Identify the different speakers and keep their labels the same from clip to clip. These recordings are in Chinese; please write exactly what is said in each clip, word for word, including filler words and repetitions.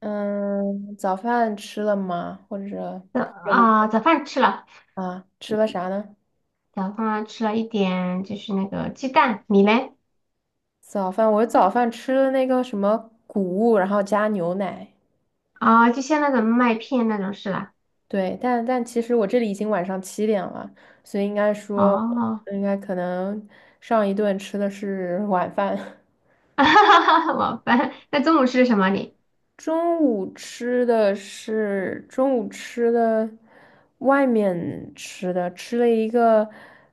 Speaker 1: 嗯，早饭吃了吗？或者
Speaker 2: 早
Speaker 1: 有
Speaker 2: 啊、早饭吃了，
Speaker 1: 啊，吃了啥呢？
Speaker 2: 早饭吃了一点，就是那个鸡蛋。你嘞？
Speaker 1: 早饭，我早饭吃了那个什么谷物，然后加牛奶。
Speaker 2: 啊、就像那种麦片那种是吧？
Speaker 1: 对，但但其实我这里已经晚上七点了，所以应该说我
Speaker 2: 哦，
Speaker 1: 应该可能上一顿吃的是晚饭，
Speaker 2: 哈哈哈，晚饭。那中午吃的什么你？
Speaker 1: 中午吃的是中午吃的外面吃的，吃了一个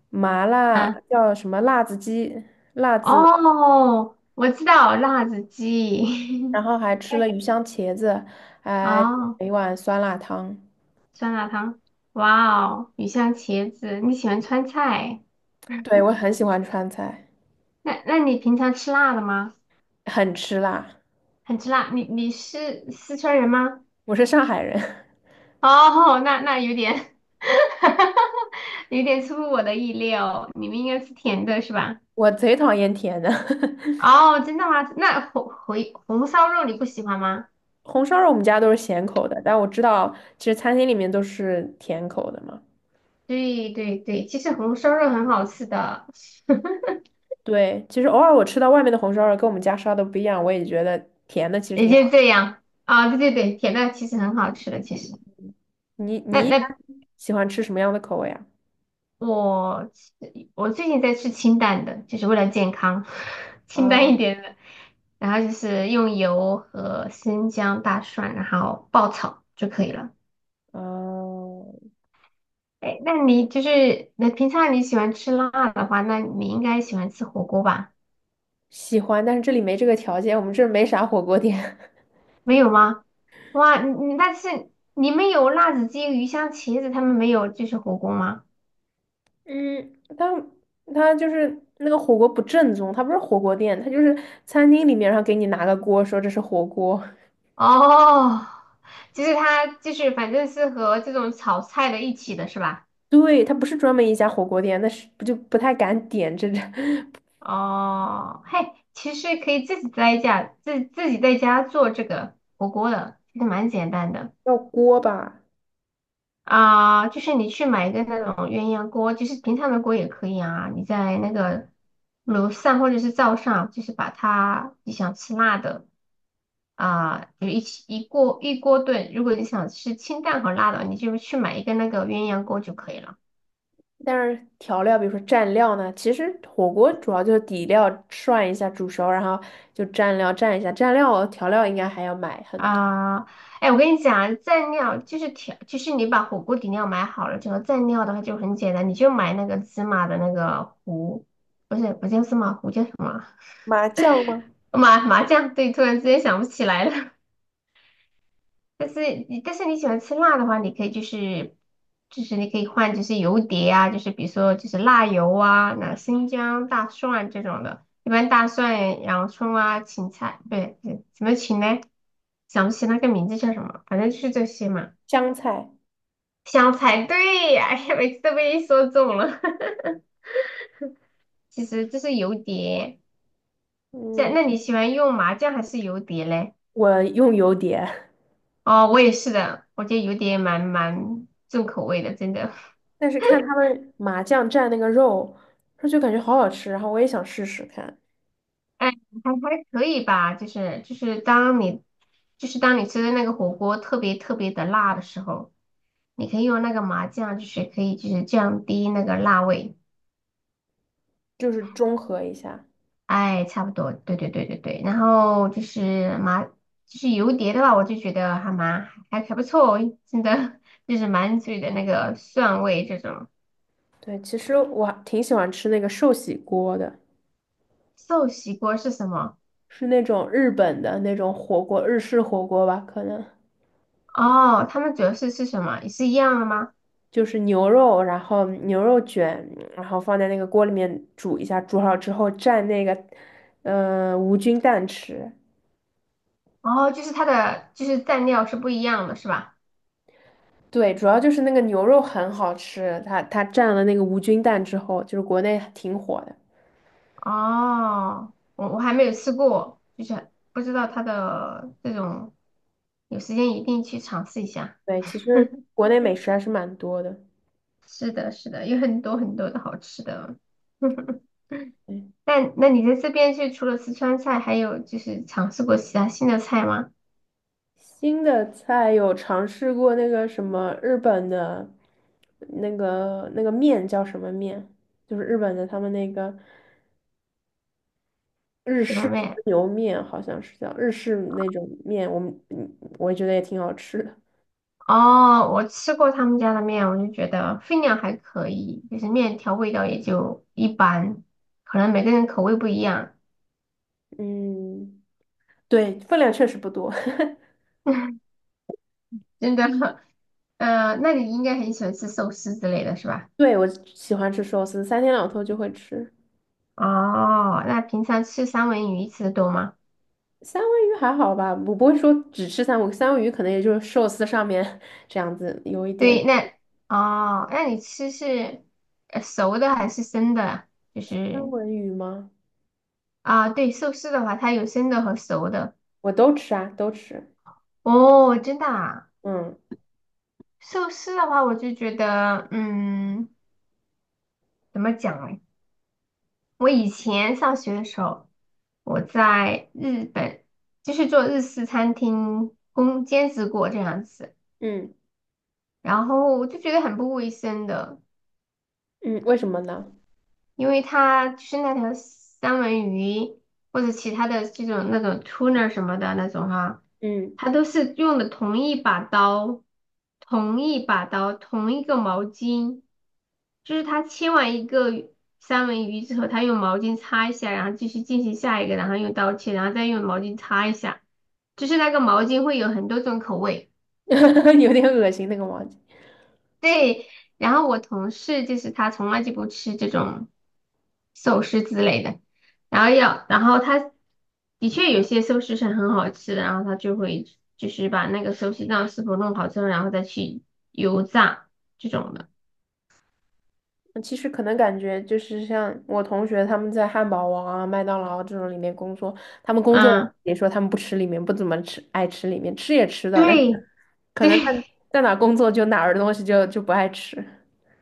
Speaker 1: 麻辣
Speaker 2: 啊，
Speaker 1: 叫什么辣子鸡，辣子
Speaker 2: 哦，我知道辣子鸡。
Speaker 1: 然后还吃了鱼香茄子，还点
Speaker 2: 哦，
Speaker 1: 了一碗酸辣汤。
Speaker 2: 酸辣汤。哇哦，鱼香茄子。你喜欢川菜？
Speaker 1: 对，我很喜欢川菜，
Speaker 2: 那那你平常吃辣的吗？
Speaker 1: 很吃辣。
Speaker 2: 很吃辣。你你是四川人吗？
Speaker 1: 我是上海人，
Speaker 2: 哦，那那有点 有点出乎我的意料，你们应该吃甜的是吧？
Speaker 1: 我贼讨厌甜的。
Speaker 2: 哦，真的吗？那红回红烧肉你不喜欢吗？
Speaker 1: 红烧肉我们家都是咸口的，但我知道其实餐厅里面都是甜口的嘛。
Speaker 2: 对对对，其实红烧肉很好吃的。
Speaker 1: 对，其实偶尔我吃到外面的红烧肉跟我们家烧的不一样，我也觉得甜的 其实
Speaker 2: 也
Speaker 1: 挺好。
Speaker 2: 就这样啊，对对对，甜的其实很好吃的，其实。
Speaker 1: 你
Speaker 2: 那
Speaker 1: 你一般
Speaker 2: 那
Speaker 1: 喜欢吃什么样的口味啊？
Speaker 2: 我吃我最近在吃清淡的，就是为了健康。清淡一
Speaker 1: 啊
Speaker 2: 点的，然后就是用油和生姜、大蒜，然后爆炒就可以了。
Speaker 1: 嗯、
Speaker 2: 哎，那你就是那平常你喜欢吃辣的话，那你应该喜欢吃火锅吧？
Speaker 1: 喜欢，但是这里没这个条件，我们这儿没啥火锅店。
Speaker 2: 没有吗？哇，你你但是你们有辣子鸡、鱼香茄子，他们没有就是火锅吗？
Speaker 1: 嗯，但他就是那个火锅不正宗，他不是火锅店，他就是餐厅里面，然后给你拿个锅，说这是火锅。
Speaker 2: 哦，就是它就是反正是和这种炒菜的一起的是吧？
Speaker 1: 对，他不是专门一家火锅店，那是不就不太敢点这这
Speaker 2: 哦，嘿，其实可以自己在家自自己在家做这个火锅的，其实蛮简单的。
Speaker 1: 叫锅吧？
Speaker 2: 啊，就是你去买一个那种鸳鸯锅，就是平常的锅也可以啊。你在那个楼上或者是灶上，就是把它你想吃辣的啊，就一起一锅一锅炖。如果你想吃清淡和辣的，你就去买一个那个鸳鸯锅就可以了
Speaker 1: 但是调料，比如说蘸料呢，其实火锅主要就是底料涮一下煮熟，然后就蘸料蘸一下，蘸料调料应该还要买很多，
Speaker 2: 啊。哎，我跟你讲，蘸料就是调，就是你把火锅底料买好了之后，蘸料的话就很简单，你就买那个芝麻的那个糊，不是不叫芝麻糊，叫什么？
Speaker 1: 麻酱吗？
Speaker 2: 麻麻酱？对，突然之间想不起来了。但是你但是你喜欢吃辣的话，你可以就是就是你可以换就是油碟啊，就是比如说就是辣油啊，那生姜、大蒜这种的。一般大蒜、洋葱啊、芹菜，对，对，什么芹呢？想不起那个名字叫什么，反正就是这些嘛。
Speaker 1: 香菜，
Speaker 2: 香菜，对呀，哎呀，每次都被你说中了。其实这是油碟，这
Speaker 1: 嗯，
Speaker 2: 那你喜欢用麻酱还是油碟嘞？
Speaker 1: 我用油碟。
Speaker 2: 哦，我也是的，我觉得油碟蛮蛮重口味的，真的。
Speaker 1: 但是看他们麻酱蘸那个肉，说就感觉好好吃，然后我也想试试看，
Speaker 2: 哎，还还可以吧，就是就是当你就是当你吃的那个火锅特别特别的辣的时候，你可以用那个麻酱，就是可以就是降低那个辣味。
Speaker 1: 就是中和一下。
Speaker 2: 哎，差不多，对对对对对。然后就是麻就是油碟的话，我就觉得还蛮还还不错，真的 就是满嘴的那个蒜味这种。
Speaker 1: 对，其实我还挺喜欢吃那个寿喜锅的，
Speaker 2: 寿喜锅是什么？
Speaker 1: 是那种日本的那种火锅，日式火锅吧，可能
Speaker 2: 哦，他们主要是是什么？也是一样的吗？
Speaker 1: 就是牛肉，然后牛肉卷，然后放在那个锅里面煮一下，煮好之后蘸那个，呃，无菌蛋吃。
Speaker 2: 哦，就是它的就是蘸料是不一样的，是吧？
Speaker 1: 对，主要就是那个牛肉很好吃，它它蘸了那个无菌蛋之后，就是国内挺火的。
Speaker 2: 哦，我我还没有吃过，就是不知道它的这种，有时间一定去尝试一下。
Speaker 1: 对，其实国内美食还是蛮多的。
Speaker 2: 是的，是的，有很多很多的好吃的。
Speaker 1: 对，
Speaker 2: 那那你在这边是除了四川菜，还有就是尝试过其他新的菜吗？
Speaker 1: 新的菜有尝试过那个什么日本的，那个那个面叫什么面？就是日本的他们那个日
Speaker 2: 什
Speaker 1: 式
Speaker 2: 么
Speaker 1: 和
Speaker 2: 面？
Speaker 1: 牛面，好像是叫日式那种面。我们嗯我觉得也挺好吃的。
Speaker 2: 哦，我吃过他们家的面，我就觉得分量还可以，就是面条味道也就一般，可能每个人口味不一样。
Speaker 1: 嗯，对，分量确实不多。
Speaker 2: 真的。嗯，那你应该很喜欢吃寿司之类的是吧？
Speaker 1: 对，我喜欢吃寿司，三天两头就会吃。
Speaker 2: 哦，那平常吃三文鱼吃的多吗？
Speaker 1: 三文鱼还好吧，我不会说只吃三文鱼三文鱼可能也就是寿司上面 这样子有一点。
Speaker 2: 对，那哦，那你吃是呃熟的还是生的啊？就
Speaker 1: 三
Speaker 2: 是
Speaker 1: 文鱼吗？
Speaker 2: 啊，对，寿司的话，它有生的和熟的。
Speaker 1: 我都吃啊，都吃。
Speaker 2: 哦，真的啊，
Speaker 1: 嗯
Speaker 2: 寿司的话，我就觉得，嗯，怎么讲呢？我以前上学的时候，我在日本就是做日式餐厅工兼职过这样子。
Speaker 1: 嗯
Speaker 2: 然后我就觉得很不卫生的，
Speaker 1: 嗯，为什么呢？
Speaker 2: 因为它就是那条三文鱼或者其他的这种那种 tuna 什么的那种哈，
Speaker 1: 嗯，
Speaker 2: 它都是用的同一把刀、同一把刀、同一个毛巾，就是它切完一个鱼三文鱼之后，它用毛巾擦一下，然后继续进行下一个，然后用刀切，然后再用毛巾擦一下，就是那个毛巾会有很多种口味。
Speaker 1: 有点恶心那个王子。
Speaker 2: 对，然后我同事就是他从来就不吃这种寿司之类的，然后要，然后他的确有些寿司是很好吃的，然后他就会就是把那个寿司酱师傅弄好之后，然后再去油炸这种的。
Speaker 1: 其实可能感觉就是像我同学他们在汉堡王啊、麦当劳啊这种里面工作，他们工作
Speaker 2: 嗯，
Speaker 1: 也说他们不吃里面，不怎么吃，爱吃里面，吃也吃的，但是
Speaker 2: 对
Speaker 1: 可
Speaker 2: 对，
Speaker 1: 能在在哪工作就哪儿的东西就就不爱吃。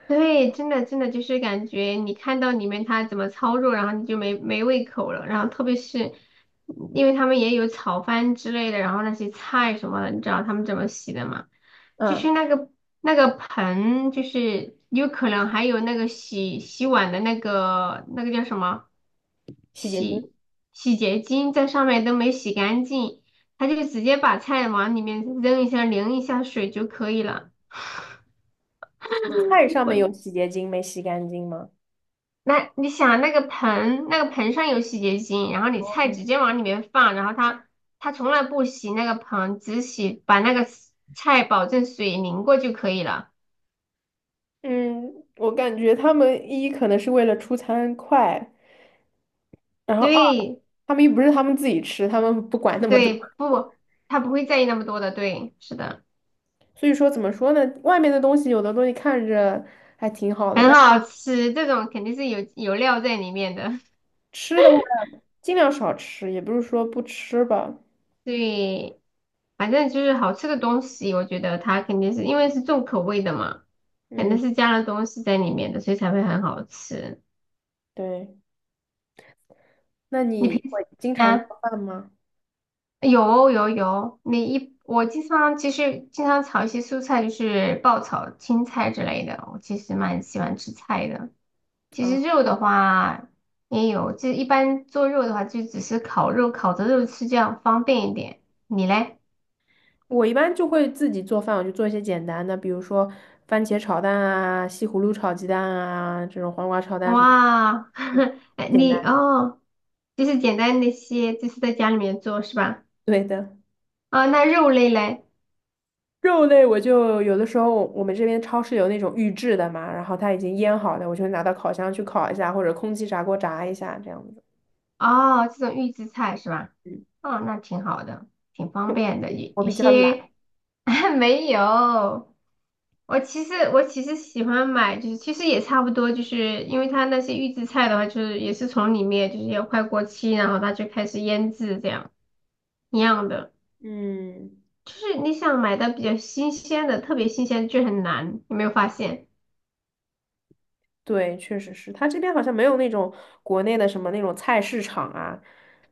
Speaker 2: 对，真的真的就是感觉你看到里面它怎么操作，然后你就没没胃口了。然后特别是因为他们也有炒饭之类的，然后那些菜什么的，你知道他们怎么洗的吗？就
Speaker 1: 嗯，
Speaker 2: 是那个那个盆，就是有可能还有那个洗洗碗的那个那个叫什么
Speaker 1: 洗洁精，
Speaker 2: 洗洗洁精在上面都没洗干净，他就直接把菜往里面扔一下，淋一下水就可以了。
Speaker 1: 菜上面有洗洁精没洗干净吗？
Speaker 2: 那你想那个盆，那个盆，上有洗洁精，然后你菜直接往里面放，然后它它从来不洗那个盆，只洗把那个 s- 菜保证水淋过就可以了。
Speaker 1: 嗯，我感觉他们一可能是为了出餐快，然后二，
Speaker 2: 对
Speaker 1: 他们又不是他们自己吃，他们不管那么多。
Speaker 2: 对，不，它不会在意那么多的。对，是的，
Speaker 1: 所以说，怎么说呢？外面的东西有的东西看着还挺好的，
Speaker 2: 很
Speaker 1: 但
Speaker 2: 好吃，这种肯定是有有料在里面的。
Speaker 1: 吃的话尽量少吃，也不是说不吃吧。
Speaker 2: 对，反正就是好吃的东西，我觉得它肯定是因为是重口味的嘛，肯定
Speaker 1: 嗯，
Speaker 2: 是加了东西在里面的，所以才会很好吃。
Speaker 1: 对。那
Speaker 2: 你平
Speaker 1: 你
Speaker 2: 时
Speaker 1: 会经常
Speaker 2: 啊？
Speaker 1: 做饭吗？
Speaker 2: 有有有，你一我经常其实经常炒一些蔬菜，就是爆炒青菜之类的。我其实蛮喜欢吃菜的。其
Speaker 1: 啊，
Speaker 2: 实肉的话也有，就一般做肉的话就只是烤肉，烤着肉吃，这样方便一点。你嘞？
Speaker 1: 我一般就会自己做饭，我就做一些简单的，比如说番茄炒蛋啊、西葫芦炒鸡蛋啊，这种黄瓜炒蛋什么
Speaker 2: 哇，哎
Speaker 1: 简
Speaker 2: 你
Speaker 1: 单。
Speaker 2: 哦，就是简单那些，就是在家里面做是吧？
Speaker 1: 对的。
Speaker 2: 啊，那肉类嘞？
Speaker 1: 肉类我就有的时候我们这边超市有那种预制的嘛，然后它已经腌好的，我就拿到烤箱去烤一下，或者空气炸锅炸一下这样子。
Speaker 2: 哦，这种预制菜是吧？
Speaker 1: 嗯，
Speaker 2: 哦，那挺好的，挺方便的。有
Speaker 1: 我
Speaker 2: 有
Speaker 1: 比较懒。
Speaker 2: 些 没有，我其实我其实喜欢买，就是其实也差不多，就是因为它那些预制菜的话，就是也是从里面就是要快过期，然后它就开始腌制这样一样的。
Speaker 1: 嗯，
Speaker 2: 就是你想买的比较新鲜的，特别新鲜就很难，有没有发现？
Speaker 1: 对，确实是，它这边好像没有那种国内的什么那种菜市场啊，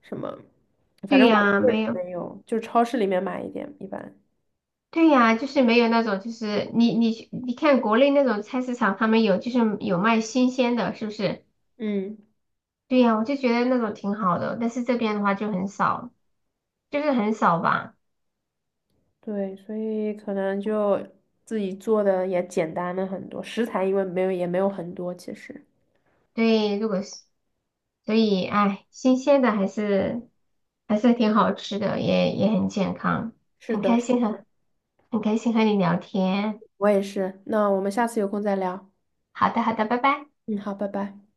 Speaker 1: 什么，反
Speaker 2: 对
Speaker 1: 正我
Speaker 2: 呀，
Speaker 1: 确
Speaker 2: 没
Speaker 1: 实
Speaker 2: 有，
Speaker 1: 没有，就超市里面买一点一般。
Speaker 2: 对呀，就是没有那种，就是你你去你看国内那种菜市场，他们有就是有卖新鲜的，是不是？
Speaker 1: 嗯，
Speaker 2: 对呀，我就觉得那种挺好的，但是这边的话就很少，就是很少吧。
Speaker 1: 对，所以可能就自己做的也简单了很多，食材因为没有也没有很多，其实。
Speaker 2: 对，如果是，所以，哎，新鲜的还是还是挺好吃的，也也很健康，
Speaker 1: 是
Speaker 2: 很
Speaker 1: 的，
Speaker 2: 开
Speaker 1: 是
Speaker 2: 心和很开心和你聊天。
Speaker 1: 我也是。那我们下次有空再聊。
Speaker 2: 好的，好的，拜拜。
Speaker 1: 嗯，好，拜拜。